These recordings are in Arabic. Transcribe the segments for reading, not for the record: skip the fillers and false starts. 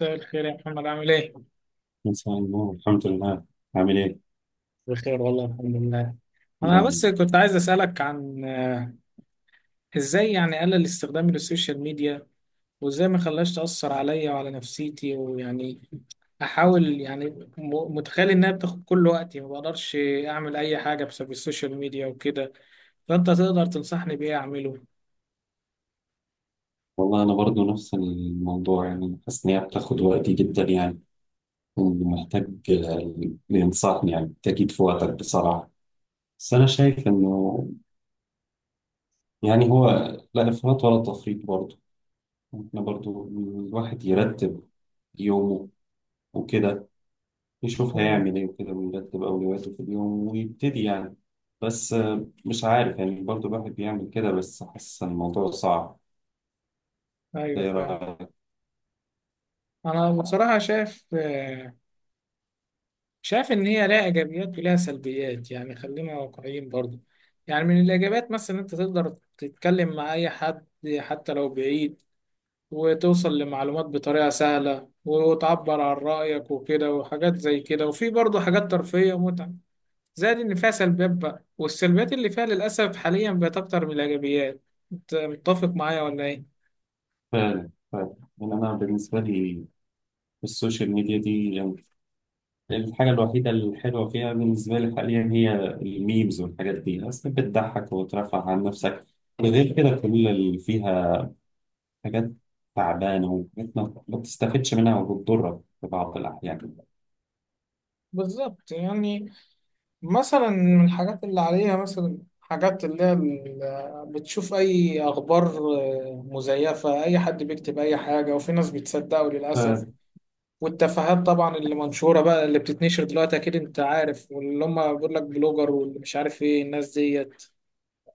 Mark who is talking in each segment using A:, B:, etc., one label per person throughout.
A: مساء الخير يا محمد، عامل ايه؟
B: مساء النور، الحمد لله. عامل ايه؟
A: بخير والله، الحمد لله. انا بس
B: لا،
A: كنت عايز اسالك عن ازاي يعني اقلل استخدامي للسوشيال ميديا، وازاي ما خلاش تاثر عليا وعلى نفسيتي، ويعني احاول يعني متخيل انها بتاخد كل وقتي، ما بقدرش اعمل اي حاجه بسبب السوشيال ميديا وكده. فانت تقدر تنصحني بايه اعمله؟
B: والله انا برضو نفس الموضوع، يعني حاسس ان هي بتاخد وقتي جدا يعني. ومحتاج اللي ينصحني، يعني تأكيد في وقتك بصراحة. بس انا شايف انه يعني هو لا افراط ولا تفريط برضو. احنا برضو الواحد يرتب يومه وكده، يشوف
A: امم.
B: هيعمل ايه وكده ويرتب اولوياته في اليوم ويبتدي يعني. بس مش عارف، يعني برضو الواحد بيعمل كده، بس حاسس ان الموضوع
A: ايوه فعلا.
B: صعب.
A: انا بصراحه شايف شايف إن هي لها إيجابيات ولها سلبيات، يعني خلينا واقعيين برضو. يعني من الإيجابيات مثلا إن أنت تقدر تتكلم مع أي حد حتى لو بعيد، وتوصل لمعلومات بطريقة سهلة، وتعبر عن رأيك وكده وحاجات زي كده، وفي برضو حاجات ترفيهية ومتعة، زائد إن فيها سلبيات بقى. والسلبيات اللي فيها للأسف حاليا بقت أكتر من الإيجابيات. أنت متفق معايا ولا إيه؟
B: فعلا فعلا، يعني أنا بالنسبة لي السوشيال ميديا دي يعني الحاجة الوحيدة الحلوة فيها بالنسبة لي حاليا هي الميمز، والحاجات دي أصلا بتضحك وترفع عن نفسك. غير كده كل اللي فيها حاجات تعبانة، وحاجات ما بتستفدش منها وبتضرك في بعض الأحيان.
A: بالظبط يعني. مثلا من الحاجات اللي عليها مثلا حاجات اللي هي بتشوف أي أخبار مزيفة، أي حد بيكتب أي حاجة وفي ناس بتصدقه للأسف.
B: ف-
A: والتفاهات طبعا اللي منشورة بقى، اللي بتتنشر دلوقتي أكيد أنت عارف، واللي هم بيقول لك بلوجر واللي مش عارف إيه الناس ديت،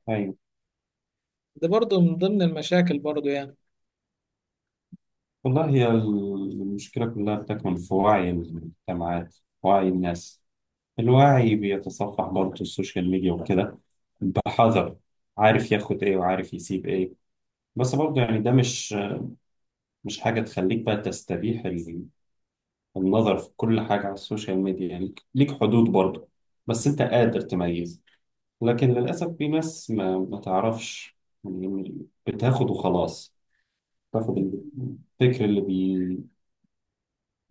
B: أيوة،
A: ده برضه من ضمن المشاكل برضه يعني.
B: والله هي المشكلة كلها بتكمن في وعي المجتمعات، وعي الناس. الوعي بيتصفح برضه السوشيال ميديا وكده بحذر، عارف ياخد ايه وعارف يسيب ايه. بس برضه يعني ده مش حاجة تخليك بقى تستبيح النظر في كل حاجة على السوشيال ميديا، يعني ليك حدود برضه. بس انت قادر تميز، لكن للأسف في ناس ما تعرفش، يعني بتاخد وخلاص. تاخد الفكر اللي بي،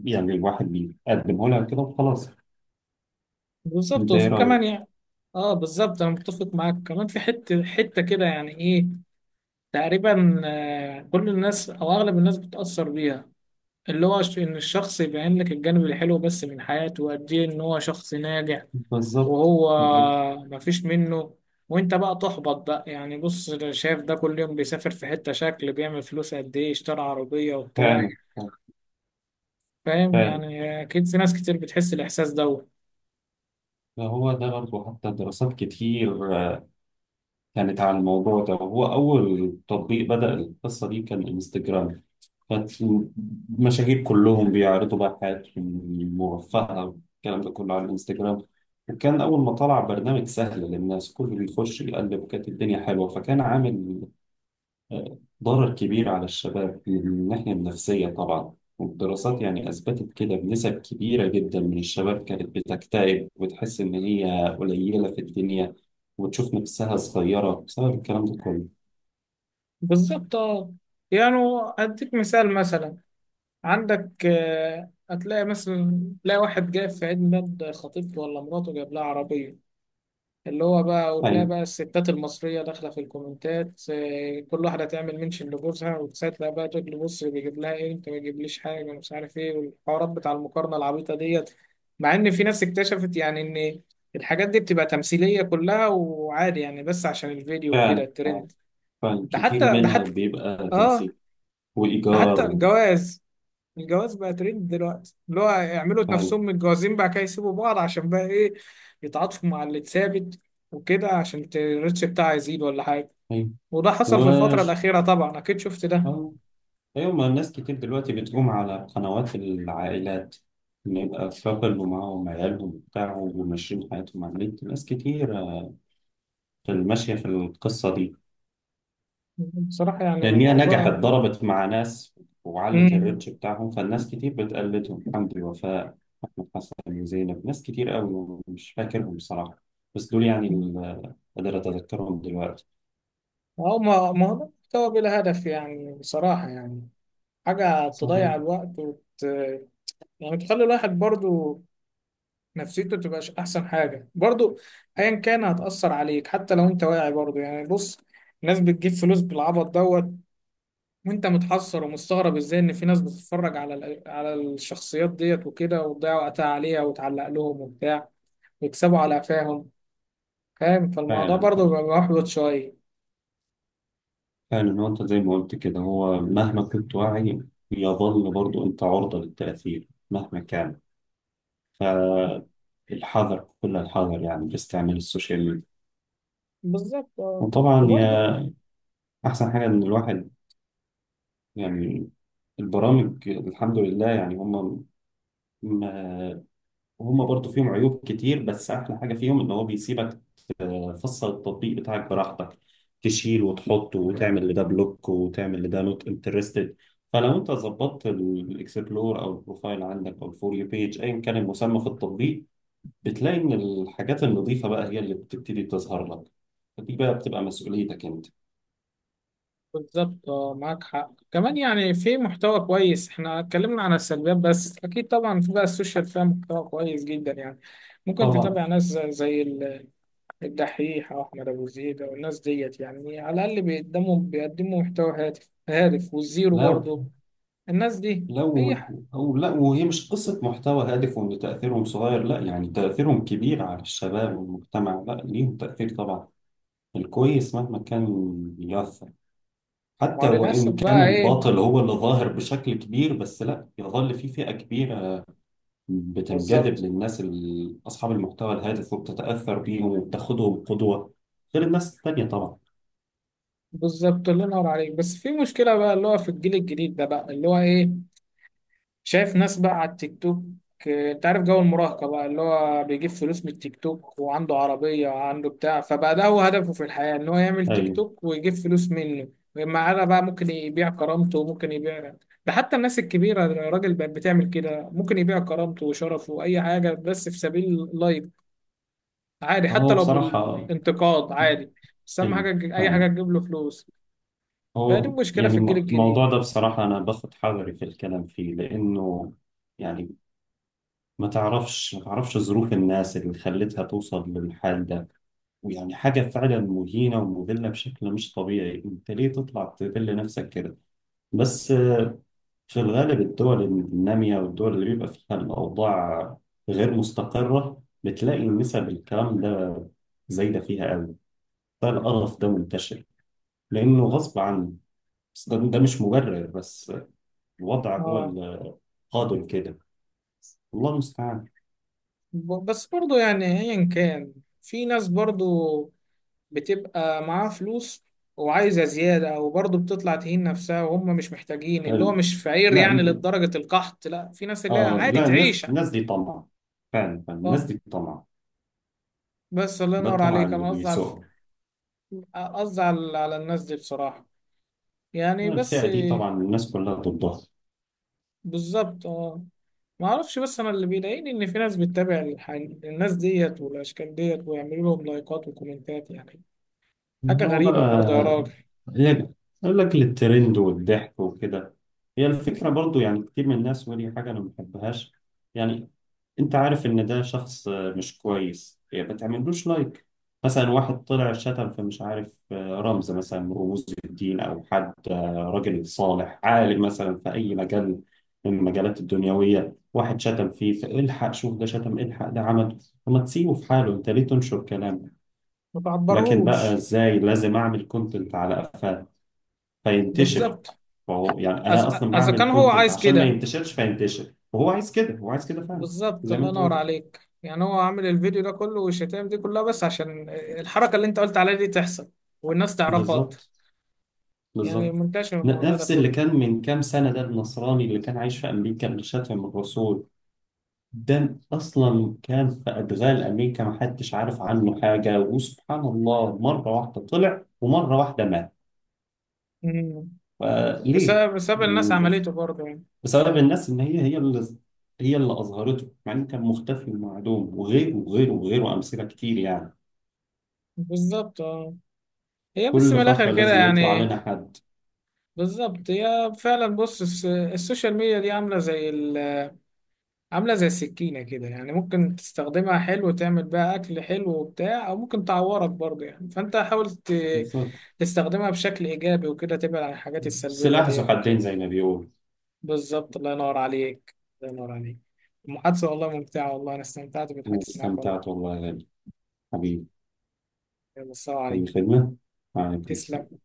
B: يعني الواحد بيقدمه لها كده وخلاص.
A: بالظبط
B: انت ايه
A: وفي كمان
B: رأيك؟
A: يعني. اه بالظبط، انا متفق معاك كمان في حته حته كده، يعني ايه تقريبا كل الناس او اغلب الناس بتاثر بيها، اللي هو إن الشخص يبين لك الجانب الحلو بس من حياته، وقد إيه إن هو شخص ناجح،
B: بالظبط
A: وهو
B: بالظبط،
A: مفيش منه، وأنت بقى تحبط بقى. يعني بص ده شايف ده كل يوم بيسافر في حتة شكل، بيعمل فلوس قد إيه، اشترى عربية
B: فعلا.
A: وبتاع. فاهم يعني؟ أكيد في ناس كتير بتحس الإحساس دوت.
B: هو ده برضه، حتى دراسات كتير كانت على الموضوع ده، وهو أول تطبيق بدأ القصة دي كان انستجرام. فالمشاهير كلهم بيعرضوا بقى حياتهم المرفهة والكلام ده كله على الانستجرام. وكان أول ما طلع برنامج سهل للناس، كله بيخش يقلب وكانت الدنيا حلوة، فكان عامل ضرر كبير على الشباب من الناحية النفسية طبعا. والدراسات يعني أثبتت كده بنسب كبيرة جدا من الشباب كانت بتكتئب وتحس إن هي قليلة في الدنيا، وتشوف نفسها صغيرة بسبب الكلام ده كله.
A: بالظبط أه. يعني أديك مثال مثلا، عندك هتلاقي مثلا تلاقي واحد جايب في عيد ميلاد خطيبته ولا مراته جايب لها عربية اللي هو بقى. وتلاقي
B: يعني
A: بقى الستات المصرية داخلة في الكومنتات كل واحدة تعمل منشن لجوزها وتساعد بقى، تقول له بص بيجيب لها ايه، انت ما بيجيبليش حاجة، ومش عارف ايه، والحوارات بتاع المقارنة العبيطة ديت. مع ان في ناس اكتشفت يعني ان الحاجات دي بتبقى تمثيلية كلها وعادي يعني، بس عشان الفيديو وكده
B: فعلا
A: الترند.
B: فعلا،
A: ده
B: كتير
A: حتى ده
B: منها
A: حتى
B: بيبقى
A: اه،
B: تمسيك
A: ده
B: وإيجار
A: حتى
B: و-
A: الجواز. الجواز بقى ترند دلوقتي، اللي هو يعملوا
B: فعلا.
A: نفسهم متجوزين بقى كده، يسيبوا بعض عشان بقى ايه، يتعاطفوا مع اللي اتثابت وكده، عشان الريتش بتاعه يزيد ولا حاجة.
B: أيوة.
A: وده حصل في الفترة
B: وش
A: الأخيرة، طبعا أكيد شفت ده.
B: آه. أيوة، ما الناس كتير دلوقتي بتقوم على قنوات العائلات، إن يبقى كابل ومعاهم عيالهم وبتاع، وماشيين حياتهم على النت، ناس كتير في الماشية في القصة دي.
A: بصراحة يعني
B: لأن هي نجحت،
A: موضوع.
B: ضربت مع ناس وعلت
A: امم
B: الريتش بتاعهم، فالناس كتير بتقلدهم. حمدي وفاء، أحمد حسن وزينب، ناس كتير قوي مش فاكرهم بصراحة، بس دول يعني اللي قادر أتذكرهم دلوقتي.
A: أو ما هو ده محتوى بلا هدف، يعني بصراحة يعني حاجة تضيع
B: صحيح.
A: الوقت يعني تخلي الواحد برضو نفسيته تبقاش احسن حاجه برضو، ايا كان هتاثر عليك حتى لو انت واعي برضو. يعني بص ناس بتجيب فلوس بالعبط دوت، وانت متحسر ومستغرب ازاي ان في ناس بتتفرج على الشخصيات ديت وكده، وتضيع وقتها عليها وتعلق لهم وبتاع، ويكسبوا على قفاهم. فاهم؟ فالموضوع
B: فعلا
A: برضو بيبقى محبط شويه.
B: فعلا، هو انت زي ما قلت كده، هو مهما كنت واعي يظل برضو انت عرضة للتأثير مهما كان. فالحذر كل الحذر، يعني في استعمال السوشيال ميديا.
A: بالظبط اه.
B: وطبعا
A: وبرضه
B: يا احسن حاجة ان الواحد يعني البرامج، الحمد لله يعني هم ما هم برضو فيهم عيوب كتير، بس احلى حاجة فيهم ان هو بيسيبك. فصل التطبيق بتاعك براحتك، تشيل وتحط وتعمل لده بلوك وتعمل لده نوت انترستد. فلو انت ظبطت الاكسبلور او البروفايل عندك او الفور يو بيج ايا كان المسمى في التطبيق، بتلاقي ان الحاجات النظيفه بقى هي اللي بتبتدي تظهر لك. فدي بقى بتبقى مسؤوليتك انت.
A: بالظبط اه، معاك حق كمان. يعني في محتوى كويس، احنا اتكلمنا عن السلبيات، بس اكيد طبعا في بقى السوشيال فيها محتوى كويس جدا يعني. ممكن
B: طبعا.
A: تتابع ناس زي الدحيح او احمد ابو زيد او الناس ديت، يعني على الاقل بيقدموا محتوى هادف والزيرو
B: لو
A: برضو الناس دي اي
B: لو
A: حاجه.
B: او لا، وهي مش قصه محتوى هادف وان تاثيرهم صغير، لا، يعني تاثيرهم كبير على الشباب والمجتمع، لا، ليهم تاثير طبعا. الكويس مهما كان
A: ما هو
B: حتى
A: للاسف
B: وإن كان
A: بقى ايه.
B: الباطل هو اللي ظاهر بشكل كبير، بس لا، يظل في فئة كبيرة بتنجذب
A: بالظبط
B: للناس أصحاب المحتوى الهادف، وبتتأثر بيهم وبتاخدهم قدوة. غير الناس التانية طبعا.
A: بالظبط، الله ينور عليك. بس في مشكله بقى اللي هو في الجيل الجديد ده، بقى اللي هو ايه، شايف ناس بقى على التيك توك. انت عارف جو المراهقة بقى، اللي هو بيجيب فلوس من التيك توك وعنده عربية وعنده بتاع، فبقى ده هو هدفه في الحياة ان هو يعمل تيك
B: أيوه.
A: توك ويجيب فلوس منه. معانا بقى ممكن يبيع كرامته وممكن يبيع، ده حتى الناس الكبيرة الراجل بقت بتعمل كده، ممكن يبيع كرامته وشرفه وأي حاجة بس في سبيل لايف، عادي حتى
B: هو
A: لو
B: بصراحة،
A: بالانتقاد عادي. بس أهم
B: أيوه
A: حاجة أي حاجة
B: فاهم.
A: تجيب له فلوس. فدي
B: هو
A: مشكلة في
B: يعني
A: الجيل الجديد
B: الموضوع
A: يعني.
B: ده بصراحة أنا باخد حذري في الكلام فيه، لأنه يعني ما تعرفش ما تعرفش ظروف الناس اللي خلتها توصل للحال ده. ويعني حاجة فعلا مهينة ومذلة بشكل مش طبيعي، انت ليه تطلع تذل نفسك كده؟ بس في الغالب الدول النامية والدول اللي بيبقى فيها الأوضاع غير مستقرة بتلاقي نسب الكلام ده زايدة فيها قوي. فالقرف ده منتشر لأنه غصب عنه. بس ده مش مبرر، بس الوضع هو
A: اه
B: القادم كده. الله المستعان.
A: بس برضو يعني ايا كان في ناس برضو بتبقى معاها فلوس وعايزة زيادة، وبرضو بتطلع تهين نفسها، وهم مش محتاجين، اللي هو
B: ال-
A: مش فقير
B: لا،
A: يعني لدرجة القحط، لا في ناس اللي هي عادي
B: لا،
A: تعيش.
B: الناس دي طمع. فعلا فعلاً، الناس
A: اه
B: دي طمع.
A: بس الله
B: ده
A: ينور
B: طمع
A: عليك،
B: اللي
A: انا قصدي على الف-
B: بيسوق.
A: قصدي على على الناس دي بصراحة يعني بس.
B: الفئة دي طبعا الناس كلها ضدها.
A: بالظبط اه. ما اعرفش، بس انا اللي بيضايقني ان في ناس بتتابع الناس ديت والاشكال ديت، ويعملوا لهم لايكات وكومنتات يعني. حاجة
B: هو
A: غريبة برضه يا
B: بقى
A: راجل،
B: لعب، يقول لك للترند والضحك وكده. هي الفكرة برضو، يعني كتير من الناس، ودي حاجة أنا ما بحبهاش. يعني أنت عارف إن ده شخص مش كويس، يعني ما تعملوش لايك. مثلا واحد طلع شتم في مش عارف رمز مثلا من رموز الدين، أو حد راجل صالح عالم مثلا في أي مجال من المجالات الدنيوية، واحد شتم فيه، فالحق شوف، ده شتم الحق، ده عمل. وما تسيبه في حاله، أنت ليه تنشر كلام؟
A: ما
B: لكن بقى
A: بعبرهوش.
B: ازاي لازم اعمل كونتنت على قفاه فينتشر.
A: بالظبط.
B: فهو يعني انا
A: إذا
B: اصلا
A: إذا
B: بعمل
A: كان هو
B: كونتنت
A: عايز
B: عشان ما
A: كده،
B: ينتشرش فينتشر، وهو عايز كده، هو عايز كده فعلا.
A: بالظبط
B: زي ما
A: الله
B: انت
A: ينور
B: قلت.
A: عليك. يعني هو عامل الفيديو ده كله والشتائم دي كلها بس عشان الحركة اللي أنت قلت عليها دي تحصل، والناس تعرفها أكتر،
B: بالظبط
A: يعني
B: بالظبط.
A: منتشر الموضوع ده
B: نفس اللي
A: كله.
B: كان من كام سنة ده، النصراني اللي كان عايش في أمريكا اللي شتم الرسول. ده أصلا كان في أدغال أمريكا، ما حدش عارف عنه حاجة، وسبحان الله مرة واحدة طلع ومرة واحدة مات.
A: مم.
B: فليه؟
A: بسبب الناس
B: يعني
A: عملته برضه يعني.
B: بسبب الناس، ان هي اللي هي اللي اظهرته، مع انه كان مختفي ومعدوم، وغيره وغيره وغيره، امثله كتير يعني.
A: بالظبط اه، هي بس
B: كل
A: من
B: فتره
A: الآخر كده
B: لازم يطلع
A: يعني.
B: لنا حد.
A: بالظبط، هي فعلا بص السوشيال ميديا دي عاملة زي السكينة كده، يعني ممكن تستخدمها حلو تعمل بيها أكل حلو وبتاع، أو ممكن تعورك برضه يعني، فأنت حاول
B: بالظبط.
A: تستخدمها بشكل إيجابي وكده، تبعد عن الحاجات السلبية
B: السلاح ذو
A: ديت وكده.
B: حدين زي ما بيقول.
A: بالظبط الله ينور عليك، الله ينور عليك. المحادثة والله ممتعة، والله أنا استمتعت بالحديث معك والله.
B: واستمتعت والله يا غالي، حبيبي.
A: يلا، السلام
B: اي
A: عليكم.
B: خدمه. وعليكم
A: تسلم.
B: السلام.